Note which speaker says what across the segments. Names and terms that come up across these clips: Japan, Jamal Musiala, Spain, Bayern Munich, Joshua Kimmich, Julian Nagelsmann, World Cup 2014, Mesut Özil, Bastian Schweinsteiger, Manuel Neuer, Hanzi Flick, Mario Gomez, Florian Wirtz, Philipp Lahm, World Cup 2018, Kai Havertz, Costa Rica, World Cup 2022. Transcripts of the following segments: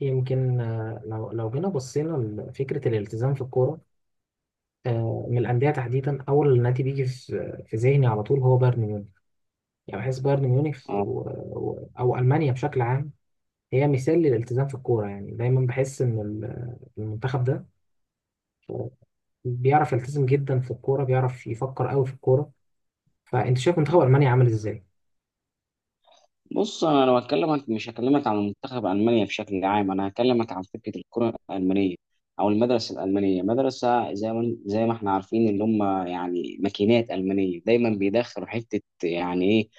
Speaker 1: يمكن لو جينا بصينا لفكرة الالتزام في الكورة. من الأندية تحديدا، أول نادي بيجي في ذهني على طول هو بايرن ميونخ. يعني بحس بايرن ميونخ
Speaker 2: آه،
Speaker 1: أو ألمانيا بشكل عام هي مثال للالتزام في الكورة. يعني دايما بحس إن المنتخب ده آه، بيعرف يلتزم جدا في الكورة، بيعرف يفكر قوي في الكورة. فأنت شايف منتخب ألمانيا عامل إزاي؟
Speaker 2: بص انا لو هكلمك مش هكلمك عن منتخب المانيا بشكل عام. انا هكلمك عن فكره الكره الالمانيه او المدرسه الالمانيه، مدرسه زي ما احنا عارفين، اللي هم يعني ماكينات المانيه. دايما بيدخلوا حته يعني ايه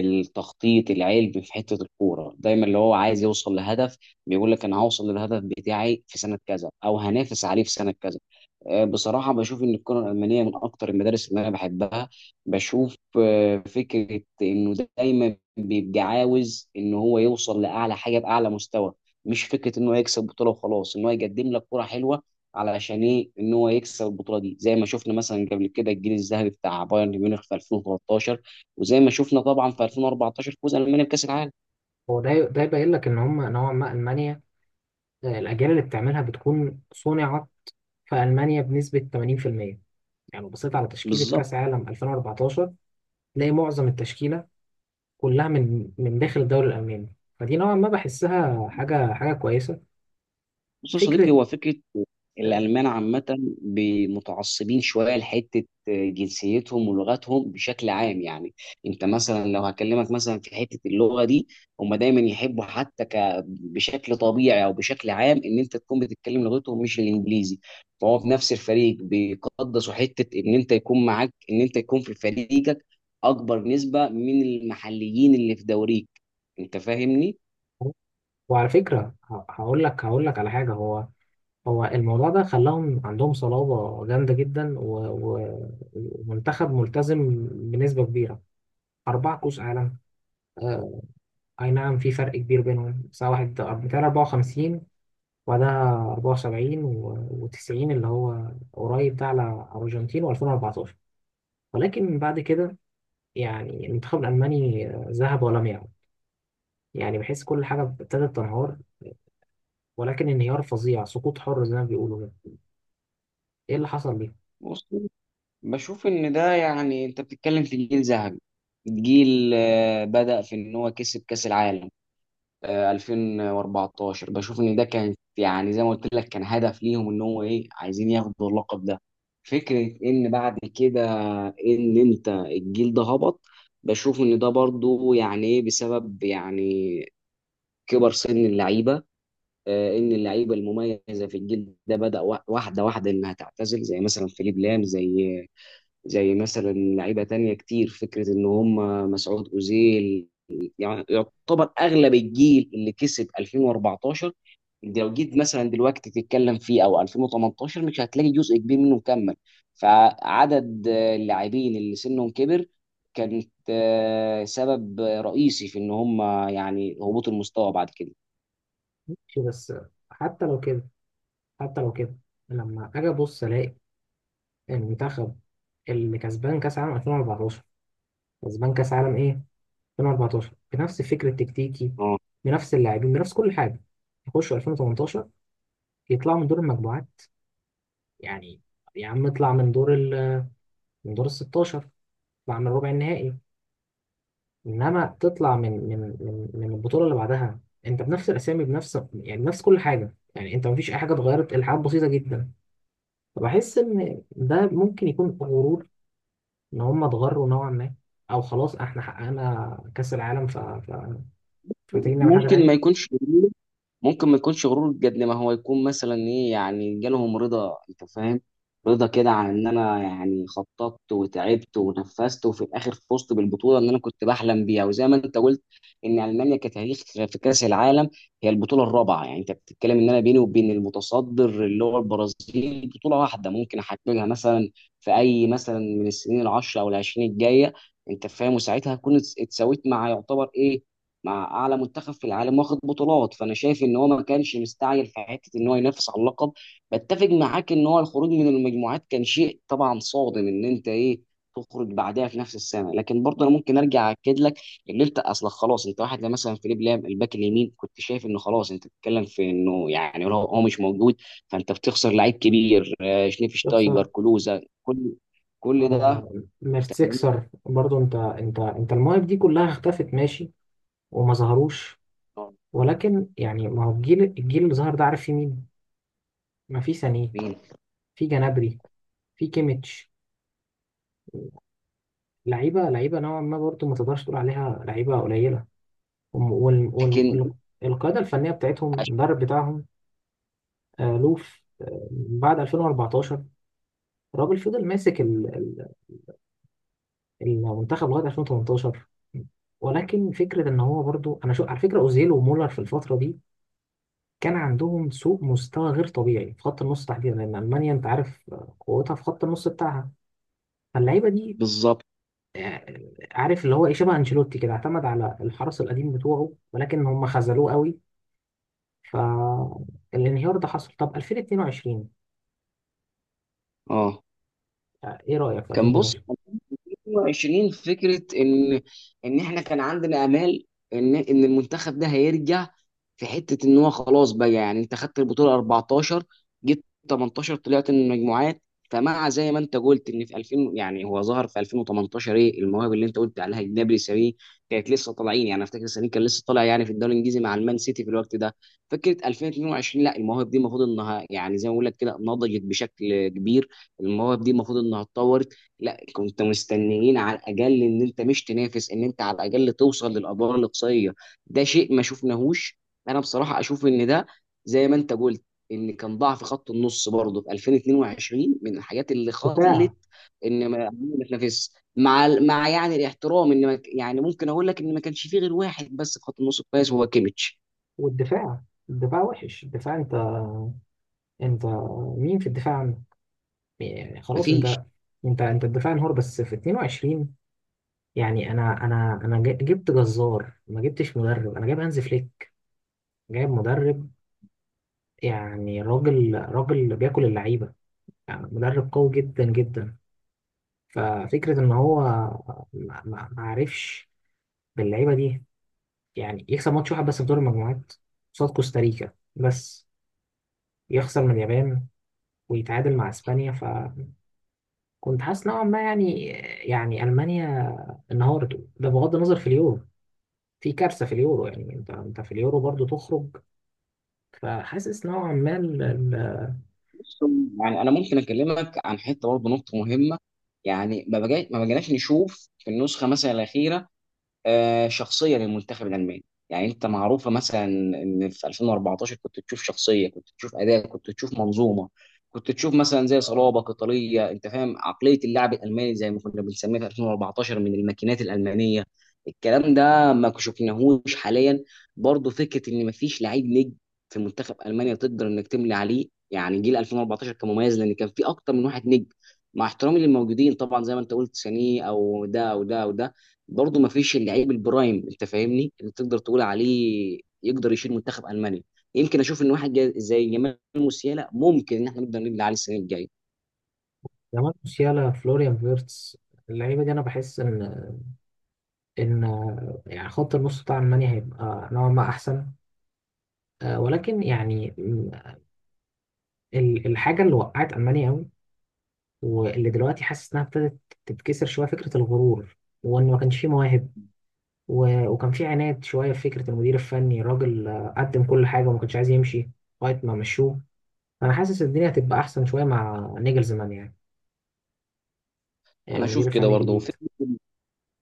Speaker 2: التخطيط العلمي في حته الكوره. دايما اللي هو عايز يوصل لهدف بيقول لك انا هوصل للهدف بتاعي في سنه كذا او هنافس عليه في سنه كذا. بصراحه بشوف ان الكره الالمانيه من اكتر المدارس اللي انا بحبها. بشوف فكره انه دايما بيبقى عاوز ان هو يوصل لاعلى حاجه باعلى مستوى، مش فكره ان هو يكسب بطوله وخلاص. ان هو يقدم لك كره حلوه، علشان ايه؟ ان هو يكسب البطوله دي، زي ما شفنا مثلا قبل كده الجيل الذهبي بتاع بايرن ميونخ في 2013، وزي ما شفنا طبعا في 2014 فوز المانيا بكاس العالم.
Speaker 1: هو ده يبين لك إن هم نوعا ما ألمانيا، الأجيال اللي بتعملها بتكون صنعت في ألمانيا بنسبة 80%. يعني لو بصيت على تشكيلة
Speaker 2: بالظبط.
Speaker 1: كأس عالم 2014، تلاقي معظم التشكيلة كلها من داخل الدوري الألماني. فدي نوعا ما بحسها حاجة حاجة كويسة.
Speaker 2: بص يا صديقي،
Speaker 1: فكرة.
Speaker 2: هو فكرة
Speaker 1: آه.
Speaker 2: الألمان عامة متعصبين شوية لحتة جنسيتهم ولغتهم بشكل عام. يعني أنت مثلا لو هكلمك مثلا في حتة اللغة دي، هم دايما يحبوا حتى بشكل طبيعي أو بشكل عام إن أنت تكون بتتكلم لغتهم مش الإنجليزي. فهو في نفس الفريق بيقدسوا حتة إن أنت يكون معاك، إن أنت يكون في فريقك أكبر نسبة من المحليين اللي في دوريك. أنت فاهمني؟
Speaker 1: وعلى فكرة، هقول لك على حاجة. هو الموضوع ده خلاهم عندهم صلابة جامدة جدا، ومنتخب ملتزم بنسبة كبيرة. أربعة كؤوس عالم. آه. أي نعم، في فرق كبير بينهم، بس واحد بتاع 54 وبعدها 74 و90 اللي هو قريب ده على الأرجنتين، و2014. ولكن بعد كده، يعني المنتخب الألماني ذهب ولم يعد. يعني بحس كل حاجة ابتدت تنهار، ولكن انهيار فظيع، سقوط حر زي ما بيقولوا كده. ايه اللي حصل ليه؟
Speaker 2: بشوف ان ده يعني انت بتتكلم في جيل ذهبي، جيل بدأ في ان هو كسب كأس العالم 2014. بشوف ان ده كان يعني زي ما قلت لك، كان هدف ليهم ان هو ايه؟ عايزين ياخدوا اللقب ده. فكرة ان بعد كده ان انت الجيل ده هبط، بشوف ان ده برضو يعني ايه بسبب يعني كبر سن اللعيبة. ان اللعيبة المميزة في الجيل ده بدأ واحدة واحدة انها تعتزل، زي مثلا فيليب لام، زي مثلا لعيبه تانية كتير. فكره ان هم مسعود اوزيل، يعني يعتبر اغلب الجيل اللي كسب 2014، لو جيت مثلا دلوقتي تتكلم فيه او 2018 مش هتلاقي جزء كبير منه مكمل. فعدد اللاعبين اللي سنهم كبر كانت سبب رئيسي في ان هم يعني هبوط المستوى بعد كده.
Speaker 1: شيء بس. حتى لو كده حتى لو كده، لما أجي أبص ألاقي المنتخب اللي كسبان كأس عالم 2014، كسبان كأس عالم إيه؟ 2014، بنفس الفكر التكتيكي،
Speaker 2: اه.
Speaker 1: بنفس اللاعبين، بنفس كل حاجة، يخشوا 2018 يطلعوا من دور المجموعات! يعني يا عم، اطلع من دور ال 16، اطلع من ربع النهائي، انما تطلع من البطوله اللي بعدها. انت بنفس الاسامي، بنفس، يعني بنفس كل حاجه. يعني انت مفيش اي حاجه اتغيرت، الحاجات بسيطه جدا. فبحس ان ده ممكن يكون غرور، ان هم اتغروا نوعا ما، او خلاص احنا حققنا كاس العالم، فمحتاجين نعمل حاجه
Speaker 2: ممكن ما
Speaker 1: تاني.
Speaker 2: يكونش ممكن ما يكونش غرور قد ما هو يكون مثلا ايه، يعني جالهم رضا. انت فاهم؟ رضا كده عن ان انا يعني خططت وتعبت ونفذت وفي الاخر فزت بالبطوله اللي انا كنت بحلم بيها. وزي ما انت قلت ان المانيا كتاريخ في كاس العالم، هي البطوله الرابعه. يعني انت بتتكلم ان انا بيني وبين المتصدر اللي هو البرازيل بطوله واحده ممكن احققها مثلا في اي مثلا من السنين العشره او العشرين الجايه. انت فاهم؟ وساعتها هكون اتساويت مع يعتبر ايه، مع اعلى منتخب في العالم واخد بطولات. فانا شايف ان هو ما كانش مستعجل في حته ان هو ينافس على اللقب. بتفق معاك ان هو الخروج من المجموعات كان شيء طبعا صادم، ان انت ايه؟ تخرج بعدها في نفس السنه. لكن برضه انا ممكن ارجع اكد لك ان انت اصلا خلاص، انت واحد زي مثلا فيليب لام، الباك اليمين، كنت شايف انه خلاص. انت بتتكلم في انه يعني لو هو مش موجود فانت بتخسر لعيب كبير.
Speaker 1: بس
Speaker 2: شنيفشتايجر، كلوزا، كل كل ده.
Speaker 1: آه.
Speaker 2: انت فاهمني؟
Speaker 1: ميرتسيكسر برضو، انت المواهب دي كلها اختفت، ماشي، وما ظهروش. ولكن يعني ما هو، الجيل اللي ظهر ده عارف في مين؟ ما في سانيه، في جنابري، في كيميتش. لعيبه لعيبه نوعا ما، برضه ما تقدرش تقول عليها لعيبه قليله.
Speaker 2: لكن.
Speaker 1: والقاعده الفنيه بتاعتهم، المدرب بتاعهم، لوف، بعد 2014 الراجل فضل ماسك المنتخب لغايه 2018. ولكن فكره ان هو برضه، انا شو على فكره، اوزيل ومولر في الفتره دي كان عندهم سوء مستوى غير طبيعي في خط النص تحديدا، لان المانيا انت عارف، قوتها في خط النص بتاعها. فاللعيبه دي،
Speaker 2: بالظبط.
Speaker 1: عارف اللي هو ايه، شبه انشيلوتي كده، اعتمد على الحرس القديم بتوعه، ولكن هم خذلوه قوي. فالانهيار ده حصل. طب 2022،
Speaker 2: اه.
Speaker 1: ايه رايك في
Speaker 2: بص،
Speaker 1: 2022؟
Speaker 2: 2020 فكره ان احنا كان عندنا امال ان المنتخب ده هيرجع، في حته ان هو خلاص بقى. يعني انت خدت البطوله 14، جيت 18 طلعت من المجموعات. فمع زي ما انت قلت ان في 2000، يعني هو ظهر في 2018، ايه المواهب اللي انت قلت عليها؟ جنابري، ساري، كانت لسه طالعين. يعني افتكر ساري كان لسه طالع يعني في الدوري الانجليزي مع المان سيتي في الوقت ده. فكره 2022، لا، المواهب دي المفروض انها يعني زي ما بقول لك كده نضجت بشكل كبير. المواهب دي المفروض انها تطور. لا، كنت مستنيين على الاقل ان انت مش تنافس، ان انت على الاقل توصل للادوار الاقصائيه. ده شيء ما شفناهوش. انا بصراحه اشوف ان ده، زي ما انت قلت، ان كان ضعف خط النص برضه في 2022 من الحاجات اللي خلت
Speaker 1: دفاع.
Speaker 2: ان ما تنافس مع ال- مع يعني الاحترام. ان ما ك- يعني ممكن اقول لك ان ما كانش فيه غير واحد بس في خط النص كويس وهو كيميتش.
Speaker 1: والدفاع، الدفاع وحش، الدفاع. انت، انت مين في الدفاع عنه؟ يعني خلاص
Speaker 2: مفيش.
Speaker 1: انت، انت الدفاع انهار بس في 22. يعني انا جبت جزار ما جبتش مدرب، انا جايب هانز فليك، جايب مدرب. يعني راجل راجل بياكل اللعيبه، يعني مدرب قوي جدا جدا. ففكرة إن هو ما عرفش باللعيبة دي يعني يكسب ماتش واحد بس في دور المجموعات، قصاد كوستاريكا بس، يخسر من اليابان ويتعادل مع إسبانيا. فكنت حاسس نوعا ما، يعني، يعني ألمانيا انهارت. ده بغض النظر في اليورو، في كارثة في اليورو. يعني أنت في اليورو برضو تخرج. فحاسس نوعا ما
Speaker 2: بص، يعني انا ممكن اكلمك عن حته برضه نقطه مهمه. يعني ما بقيناش نشوف في النسخه مثلا الاخيره شخصيه للمنتخب الالماني. يعني انت معروفه مثلا ان في 2014 كنت تشوف شخصيه، كنت تشوف اداء، كنت تشوف منظومه، كنت تشوف مثلا زي صلابه قتاليه. انت فاهم عقليه اللاعب الالماني زي ما كنا بنسميها في 2014 من الماكينات الالمانيه. الكلام ده ما شفناهوش حاليا. برضو فكره ان مفيش لعيب نجم في منتخب المانيا تقدر انك تملي عليه. يعني جيل 2014 كان مميز لان كان في اكتر من واحد نجم. مع احترامي للموجودين طبعا، زي ما انت قلت، سانيه او ده او ده او ده، برضه ما فيش اللعيب البرايم. انت فاهمني؟ اللي تقدر تقول عليه يقدر يشيل منتخب المانيا. يمكن اشوف ان واحد زي جمال موسيالا ممكن ان احنا نقدر نبني عليه السنه الجايه.
Speaker 1: جمال موسيالا، فلوريان فيرتس، اللعيبة دي أنا بحس إن يعني خط النص بتاع ألمانيا هيبقى نوعا ما أحسن. ولكن يعني الحاجة اللي وقعت ألمانيا أوي، واللي دلوقتي حاسس إنها ابتدت تتكسر شوية، فكرة الغرور وإن ما كانش فيه مواهب، وكان فيه عناد شوية في فكرة المدير الفني، راجل قدم كل حاجة وما كانش عايز يمشي لغاية ما مشوه. أنا حاسس الدنيا هتبقى أحسن شوية مع نيجلزمان، يعني،
Speaker 2: انا اشوف
Speaker 1: المدير
Speaker 2: كده
Speaker 1: الفني
Speaker 2: برضه.
Speaker 1: الجديد.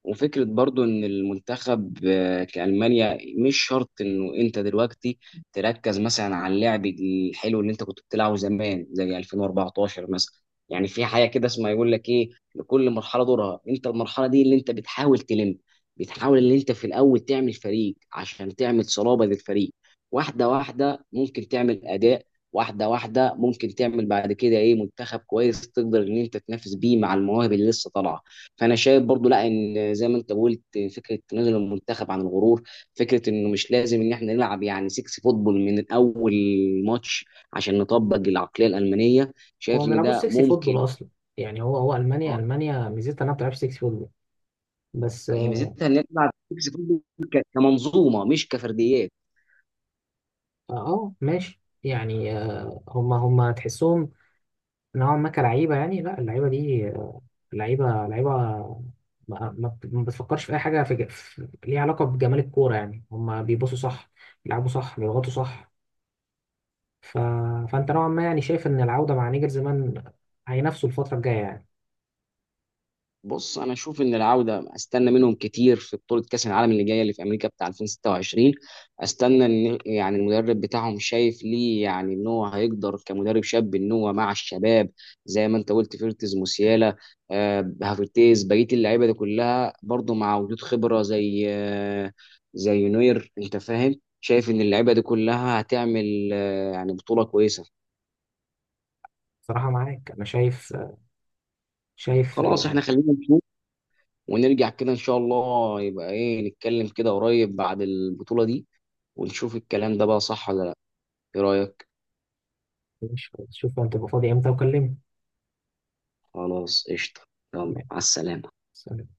Speaker 2: وفكرة برضو إن المنتخب كألمانيا، مش شرط إنه أنت دلوقتي تركز مثلا على اللعب الحلو اللي أنت كنت بتلعبه زمان زي 2014 مثلا. يعني في حاجة كده اسمها يقول لك إيه؟ لكل مرحلة دورها. أنت المرحلة دي اللي أنت بتحاول تلم، بتحاول إن أنت في الأول تعمل فريق عشان تعمل صلابة للفريق. واحدة واحدة ممكن تعمل أداء، واحدة واحدة ممكن تعمل بعد كده إيه، منتخب كويس تقدر إن أنت تنافس بيه مع المواهب اللي لسه طالعة. فانا شايف برضو لا، ان زي ما انت قلت، فكره تنازل المنتخب عن الغرور، فكره انه مش لازم ان احنا نلعب يعني 6 فوتبول من اول ماتش عشان نطبق العقليه الالمانيه.
Speaker 1: هو
Speaker 2: شايف
Speaker 1: ما
Speaker 2: ان
Speaker 1: بيلعبوش
Speaker 2: ده
Speaker 1: سكسي
Speaker 2: ممكن.
Speaker 1: فوتبول أصلا. يعني هو ألمانيا
Speaker 2: اه.
Speaker 1: ألمانيا ميزتها إنها ما بتلعبش سكسي فوتبول. بس
Speaker 2: هي
Speaker 1: اه.
Speaker 2: ميزتها ان نلعب 6 فوتبول كمنظومه مش كفرديات.
Speaker 1: ماشي يعني هما تحسهم نوعا ما كلعيبة. يعني لا، اللعيبة دي لعيبة لعيبة، ما بتفكرش في أي حاجة ليها علاقة بجمال الكورة. يعني هما بيبصوا صح، بيلعبوا صح، بيضغطوا صح. ف... فأنت نوعا ما يعني شايف إن العودة مع نيجر زمان هينافسوا الفترة الجاية، يعني.
Speaker 2: بص انا اشوف ان العوده، استنى منهم كتير في بطوله كاس العالم اللي جايه اللي في امريكا بتاع 2026. استنى ان يعني المدرب بتاعهم شايف ليه يعني ان هو هيقدر كمدرب شاب ان هو مع الشباب، زي ما انت قلت، فيرتز، موسيالا، هافرتيز، بقيه اللعيبه دي كلها. برضه مع وجود خبره زي نوير. انت فاهم؟ شايف ان اللعيبه دي كلها هتعمل يعني بطوله كويسه.
Speaker 1: صراحة معاك أنا شايف
Speaker 2: خلاص، احنا خلينا نشوف ونرجع كده ان شاء الله، يبقى ايه، نتكلم كده قريب بعد البطولة دي ونشوف الكلام ده بقى صح ولا لا. ايه رأيك؟
Speaker 1: شوف أنت تبقى فاضي إمتى وكلمني.
Speaker 2: خلاص قشطة. يلا على السلامة.
Speaker 1: سلام.